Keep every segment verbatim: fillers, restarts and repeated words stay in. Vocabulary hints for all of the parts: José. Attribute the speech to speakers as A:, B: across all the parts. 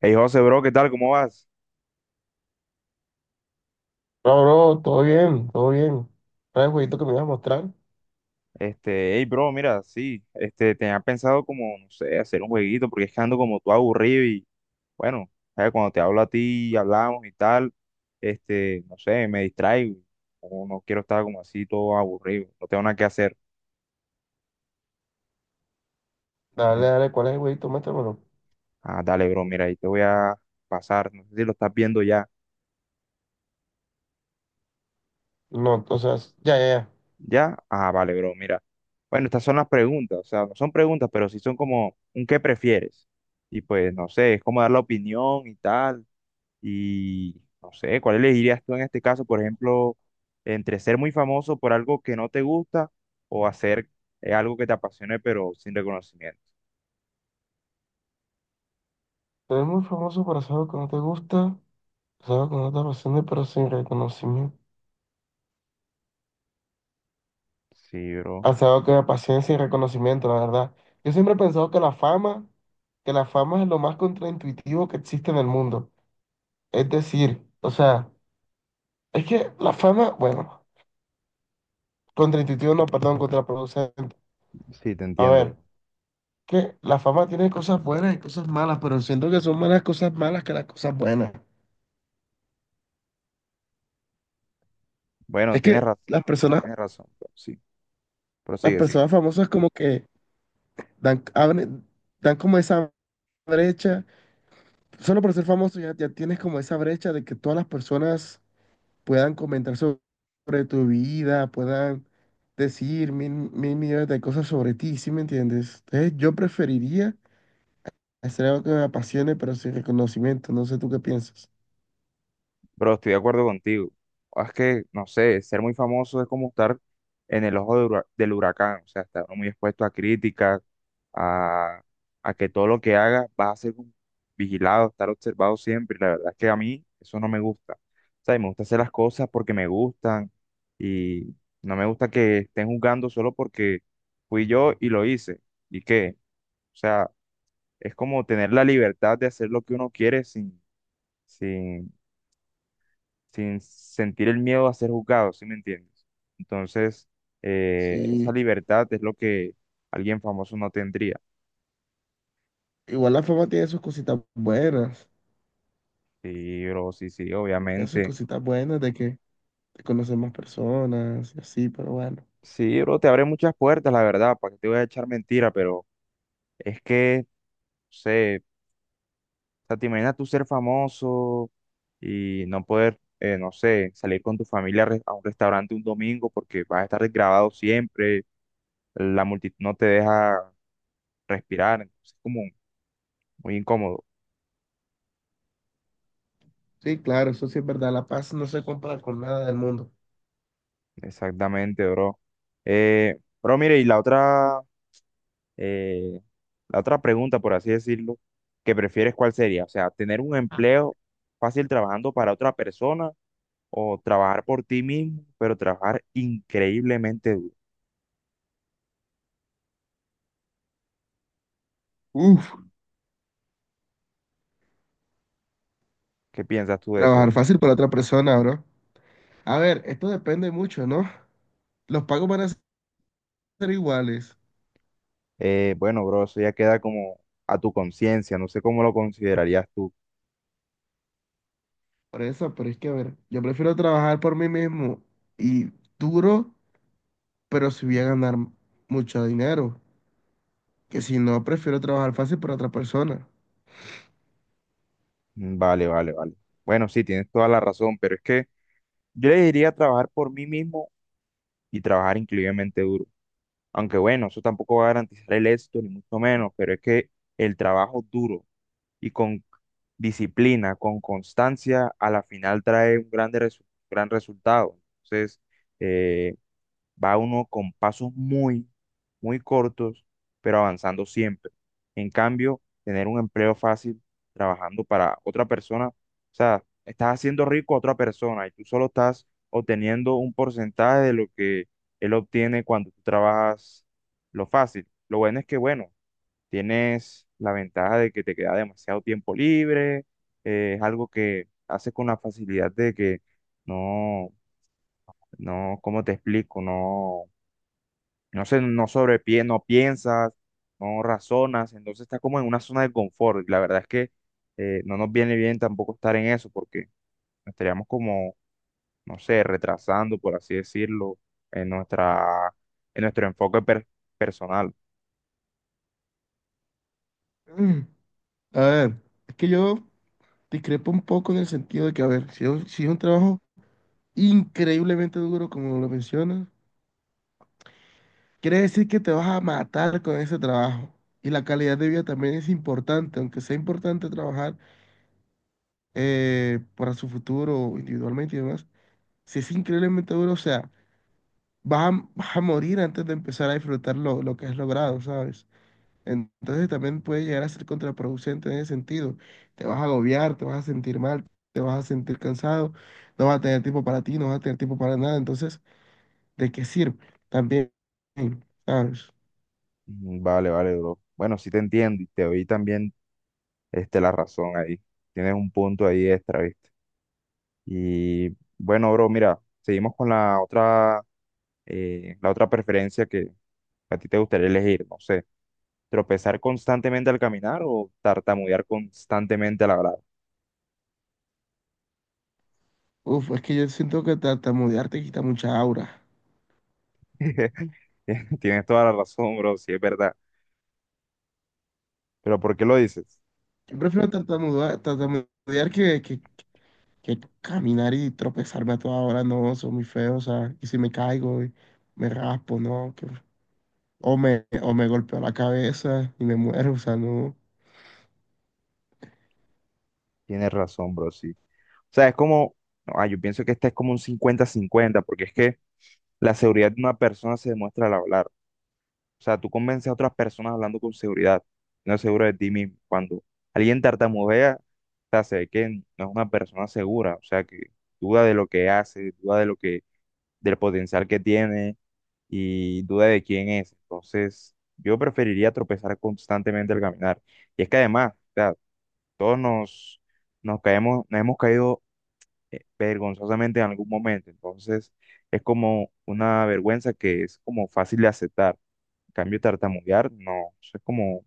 A: Hey José, bro, ¿qué tal? ¿Cómo vas?
B: No, bro, todo bien, todo bien. ¿Cuál es el jueguito que me ibas a mostrar?
A: Este, hey, bro, mira, sí, este, tenía pensado como, no sé, hacer un jueguito, porque es que ando como tú aburrido y, bueno, ¿sabes? Cuando te hablo a ti, hablamos y tal, este, no sé, me distraigo, o no no quiero estar como así todo aburrido, no tengo nada que hacer.
B: Dale,
A: Ent-
B: dale, ¿cuál es el jueguito? Muéstramelo.
A: ah, dale, bro, mira, ahí te voy a pasar, no sé si lo estás viendo ya,
B: No, o sea, ya, ya, ya.
A: ¿ya? Ah, vale, bro, mira. Bueno, estas son las preguntas, o sea, no son preguntas, pero sí son como un qué prefieres. Y pues, no sé, es como dar la opinión y tal. Y no sé, ¿cuál elegirías tú en este caso, por ejemplo, entre ser muy famoso por algo que no te gusta o hacer eh, algo que te apasione pero sin reconocimiento?
B: Tú eres muy famoso por hacer algo que no te gusta, hacer algo que no te apasiona, pero sin reconocimiento.
A: Sí, bro.
B: Hacer algo que me apasiona sin reconocimiento, la verdad. Yo siempre he pensado que la fama, que la fama es lo más contraintuitivo que existe en el mundo. Es decir, o sea, es que la fama, bueno, contraintuitivo no, perdón, contraproducente.
A: Sí, te
B: A
A: entiendo,
B: ver,
A: bro.
B: que la fama tiene cosas buenas y cosas malas, pero siento que son más las cosas malas que las cosas buenas.
A: Bueno,
B: Es
A: tienes
B: que
A: razón,
B: las personas,
A: tienes razón, bro. Sí,
B: Las
A: prosigue, sí.
B: personas famosas como que dan, abren- dan como esa brecha. Solo por ser famoso ya, ya tienes como esa brecha de que todas las personas puedan comentar so- sobre tu vida, puedan decir mil, mil millones de cosas sobre ti, ¿sí me entiendes? Entonces yo preferiría hacer algo que me apasione, pero sin reconocimiento. No sé tú qué piensas.
A: Bro, estoy de acuerdo contigo. Es que, no sé, ser muy famoso es como estar en el ojo de hura- del huracán, o sea, estar muy expuesto a críticas, a, a que todo lo que haga va a ser como vigilado, estar observado siempre. La verdad es que a mí eso no me gusta. O sea, y me gusta hacer las cosas porque me gustan y no me gusta que estén juzgando solo porque fui yo y lo hice. ¿Y qué? O sea, es como tener la libertad de hacer lo que uno quiere sin, sin sin sentir el miedo a ser juzgado, ¿sí me entiendes? Entonces, eh, esa
B: Sí.
A: libertad es lo que alguien famoso no tendría.
B: Igual la fama tiene sus cositas buenas,
A: Sí, bro, sí, sí,
B: tiene sus
A: obviamente.
B: cositas buenas de que te conocen más personas y así, pero bueno.
A: Sí, bro, te abre muchas puertas, la verdad, para que te voy a echar mentira, pero es que, no sé, o sea, te imaginas tú ser famoso y no poder, eh, no sé, salir con tu familia a re- a un restaurante un domingo porque vas a estar grabado siempre, la multitud no te deja respirar, entonces es como muy incómodo.
B: Sí, claro, eso sí es verdad, la paz no se compra con nada del mundo.
A: Exactamente, bro. Eh, bro, mire, y la otra, eh, la otra pregunta, por así decirlo, que prefieres, ¿cuál sería? O sea, tener un empleo fácil trabajando para otra persona o trabajar por ti mismo, pero trabajar increíblemente duro.
B: Uf,
A: ¿Qué piensas tú de eso,
B: trabajar
A: bro?
B: fácil para otra persona, bro. A ver, esto depende mucho, ¿no? Los pagos van a ser iguales,
A: Eh, bueno, bro, eso ya queda como a tu conciencia, no sé cómo lo considerarías tú.
B: por eso, pero es que, a ver, yo prefiero trabajar por mí mismo y duro, pero si voy a ganar mucho dinero, que si no, prefiero trabajar fácil para otra persona.
A: Mm, vale, vale, vale. Bueno, sí, tienes toda la razón, pero es que yo le diría trabajar por mí mismo y trabajar increíblemente duro. Aunque bueno, eso tampoco va a garantizar el éxito, ni mucho menos, pero es que el trabajo duro y con disciplina, con constancia, a la final trae un grande resu- gran resultado. Entonces, eh, Va uno con pasos muy, muy cortos, pero avanzando siempre. En cambio, tener un empleo fácil trabajando para otra persona, o sea, estás haciendo rico a otra persona y tú solo estás obteniendo un porcentaje de lo que él obtiene cuando tú trabajas lo fácil. Lo bueno es que, bueno, tienes la ventaja de que te queda demasiado tiempo libre, eh, es algo que haces con la facilidad de que no, no, ¿cómo te explico? No. No sé, no sobrepiensas, no piensas, no razonas, entonces estás como en una zona de confort. y La verdad es que eh, no nos viene bien tampoco estar en eso porque nos estaríamos como, no sé, retrasando, por así decirlo, en nuestra, en nuestro enfoque per- personal.
B: Mm, a ver, es que yo... Discrepo un poco en el sentido de que, a ver, si es, si es un trabajo increíblemente duro, como lo mencionas, quiere decir que te vas a matar con ese trabajo. Y la calidad de vida también es importante, aunque sea importante trabajar eh, para su futuro individualmente y demás. Si es increíblemente duro, o sea, vas a, vas a morir antes de empezar a disfrutar lo, lo que has logrado, ¿sabes? Entonces también puede llegar a ser contraproducente en ese sentido. Te vas a agobiar, te vas a sentir mal, te vas a sentir cansado, no vas a tener tiempo para ti, no vas a tener tiempo para nada. Entonces, ¿de qué sirve? También, ¿sabes?
A: Mm, vale, vale, bro. Bueno, sí te entiendo y te doy también este, la razón ahí. Tienes un punto ahí extra, ¿viste? Y bueno, bro, mira, seguimos con la otra, eh, la otra preferencia que a ti te gustaría elegir, no sé. Tropezar constantemente al caminar o tartamudear constantemente al hablar.
B: Uf, es que yo siento que tartamudear te quita mucha aura.
A: Tienes toda la razón, bro, sí, es verdad. Pero ¿por qué lo dices?
B: Yo prefiero tartamudea- tartamudear que, que, que caminar y tropezarme a toda hora. No, soy muy feo, o sea, y si me caigo y me raspo, ¿no? que- o me, o me golpeo la cabeza y me muero, o sea, no.
A: Tienes razón, bro, sí. O sea, es como, no, ah, yo pienso que este es como un cincuenta cincuenta porque es que la seguridad de una persona se demuestra al hablar. O sea, tú convences a otras personas hablando con seguridad, no es seguro de ti mismo. Cuando alguien tartamudea, o sea, se ve que no es una persona segura, o sea, que duda de lo que hace, duda de lo que, del potencial que tiene y duda de quién es. Entonces, yo preferiría tropezar constantemente al caminar. Y es que además, o sea, todos nos, nos caemos, nos hemos caído eh, vergonzosamente en algún momento. Entonces, es como una vergüenza que es como fácil de aceptar. En cambio, tartamudear, no, eso es como,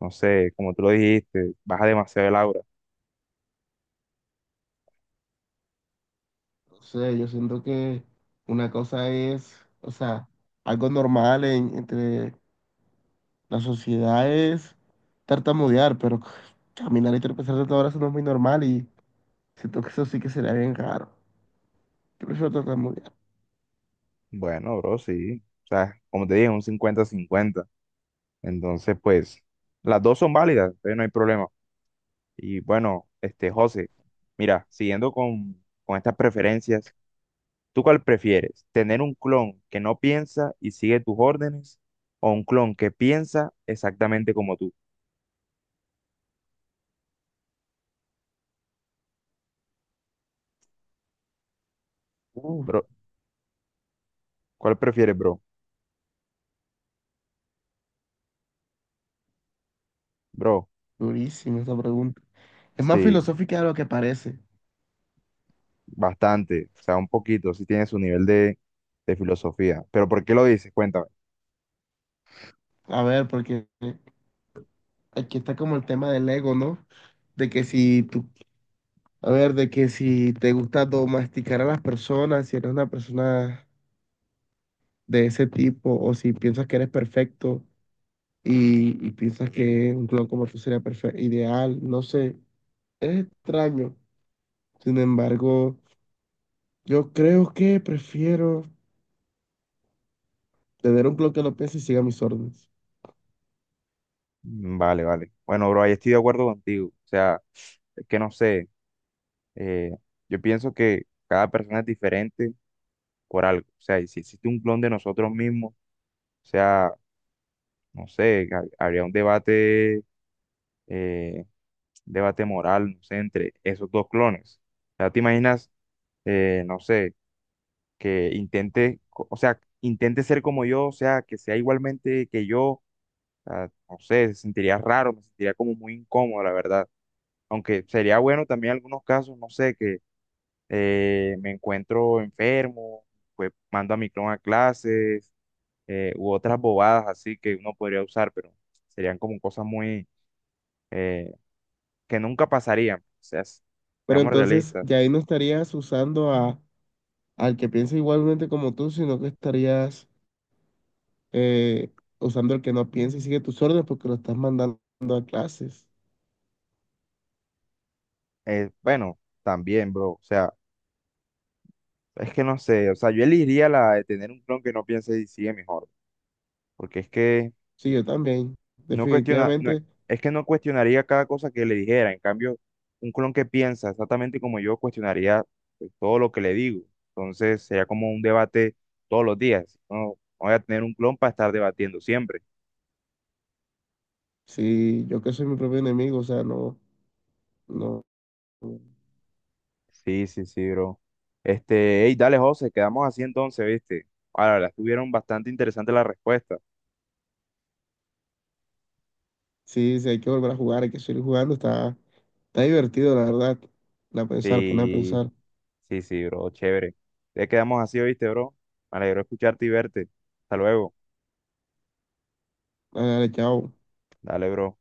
A: no sé, como tú lo dijiste, baja demasiado el aura.
B: No sé, yo siento que una cosa es, o sea, algo normal en- entre las sociedades tartamudear, pero caminar y tropezar de todas horas no es muy normal, y siento que eso sí que sería bien raro. Yo prefiero tartamudear.
A: Bueno, bro, sí. O sea, como te dije, un cincuenta-cincuenta. Entonces, pues, las dos son válidas, entonces no hay problema. Y bueno, este José, mira, siguiendo con, con estas preferencias, ¿tú cuál prefieres? ¿Tener un clon que no piensa y sigue tus órdenes o un clon que piensa exactamente como tú?
B: Uh,
A: Bro, ¿cuál prefieres, bro? Bro,
B: durísima esa pregunta. Es más
A: sí,
B: filosófica de lo que parece.
A: bastante, o sea, un poquito, sí tiene su nivel de, de filosofía. Pero ¿por qué lo dices? Cuéntame.
B: A ver, porque aquí está como el tema del ego, ¿no? De que si tú, a ver, de que si te gusta domesticar a las personas, si eres una persona de ese tipo, o si piensas que eres perfecto y, y piensas que un clon como tú sería perfe- ideal, no sé, es extraño. Sin embargo, yo creo que prefiero tener un clon que no piense y siga mis órdenes.
A: Mm, vale, vale. Bueno, bro, ahí estoy de acuerdo contigo. O sea, es que no sé, eh, yo pienso que cada persona es diferente por algo. O sea, y si existe un clon de nosotros mismos, o sea, no sé, ha- habría un debate, eh, debate moral, no sé, entre esos dos clones. O sea, te imaginas, eh, no sé, que intente, co- o sea, intente ser como yo, o sea, que sea igualmente que yo, o sea, no sé, se sentiría raro, me sentiría como muy incómodo, la verdad. Aunque sería bueno también en algunos casos, no sé, que eh, me encuentro enfermo, pues mando a mi clon a clases eh, u otras bobadas así que uno podría usar, pero serían como cosas muy eh, que nunca pasarían. O sea, s-
B: Pero
A: seamos
B: entonces
A: realistas.
B: ya ahí no estarías usando a, al que piensa igualmente como tú, sino que estarías eh, usando al que no piensa y sigue tus órdenes porque lo estás mandando a clases.
A: Eh, bueno, también, bro. O sea, es que no sé. O sea, yo elegiría la de tener un clon que no piense y sigue mejor. Porque es que
B: Sí, yo también.
A: no cuestiona, no,
B: Definitivamente,
A: es que no cuestionaría cada cosa que le dijera. En cambio, un clon que piensa exactamente como yo cuestionaría pues, todo lo que le digo. Entonces sería como un debate todos los días. No, no voy a tener un clon para estar debatiendo siempre.
B: sí, yo que soy mi propio enemigo, o sea, no, no.
A: Sí, sí, sí, bro. Este, hey, dale, José, quedamos así entonces, ¿viste? Ahora, las tuvieron bastante interesantes las respuestas.
B: Sí, sí, hay que volver a jugar, hay que seguir jugando. Está, está divertido, la verdad. La pensar, poner a
A: Sí,
B: pensar.
A: sí, sí, bro, chévere. Ya quedamos así, ¿viste, bro? Me alegro escucharte y verte. Hasta luego.
B: Dale, dale, chao.
A: Dale, bro.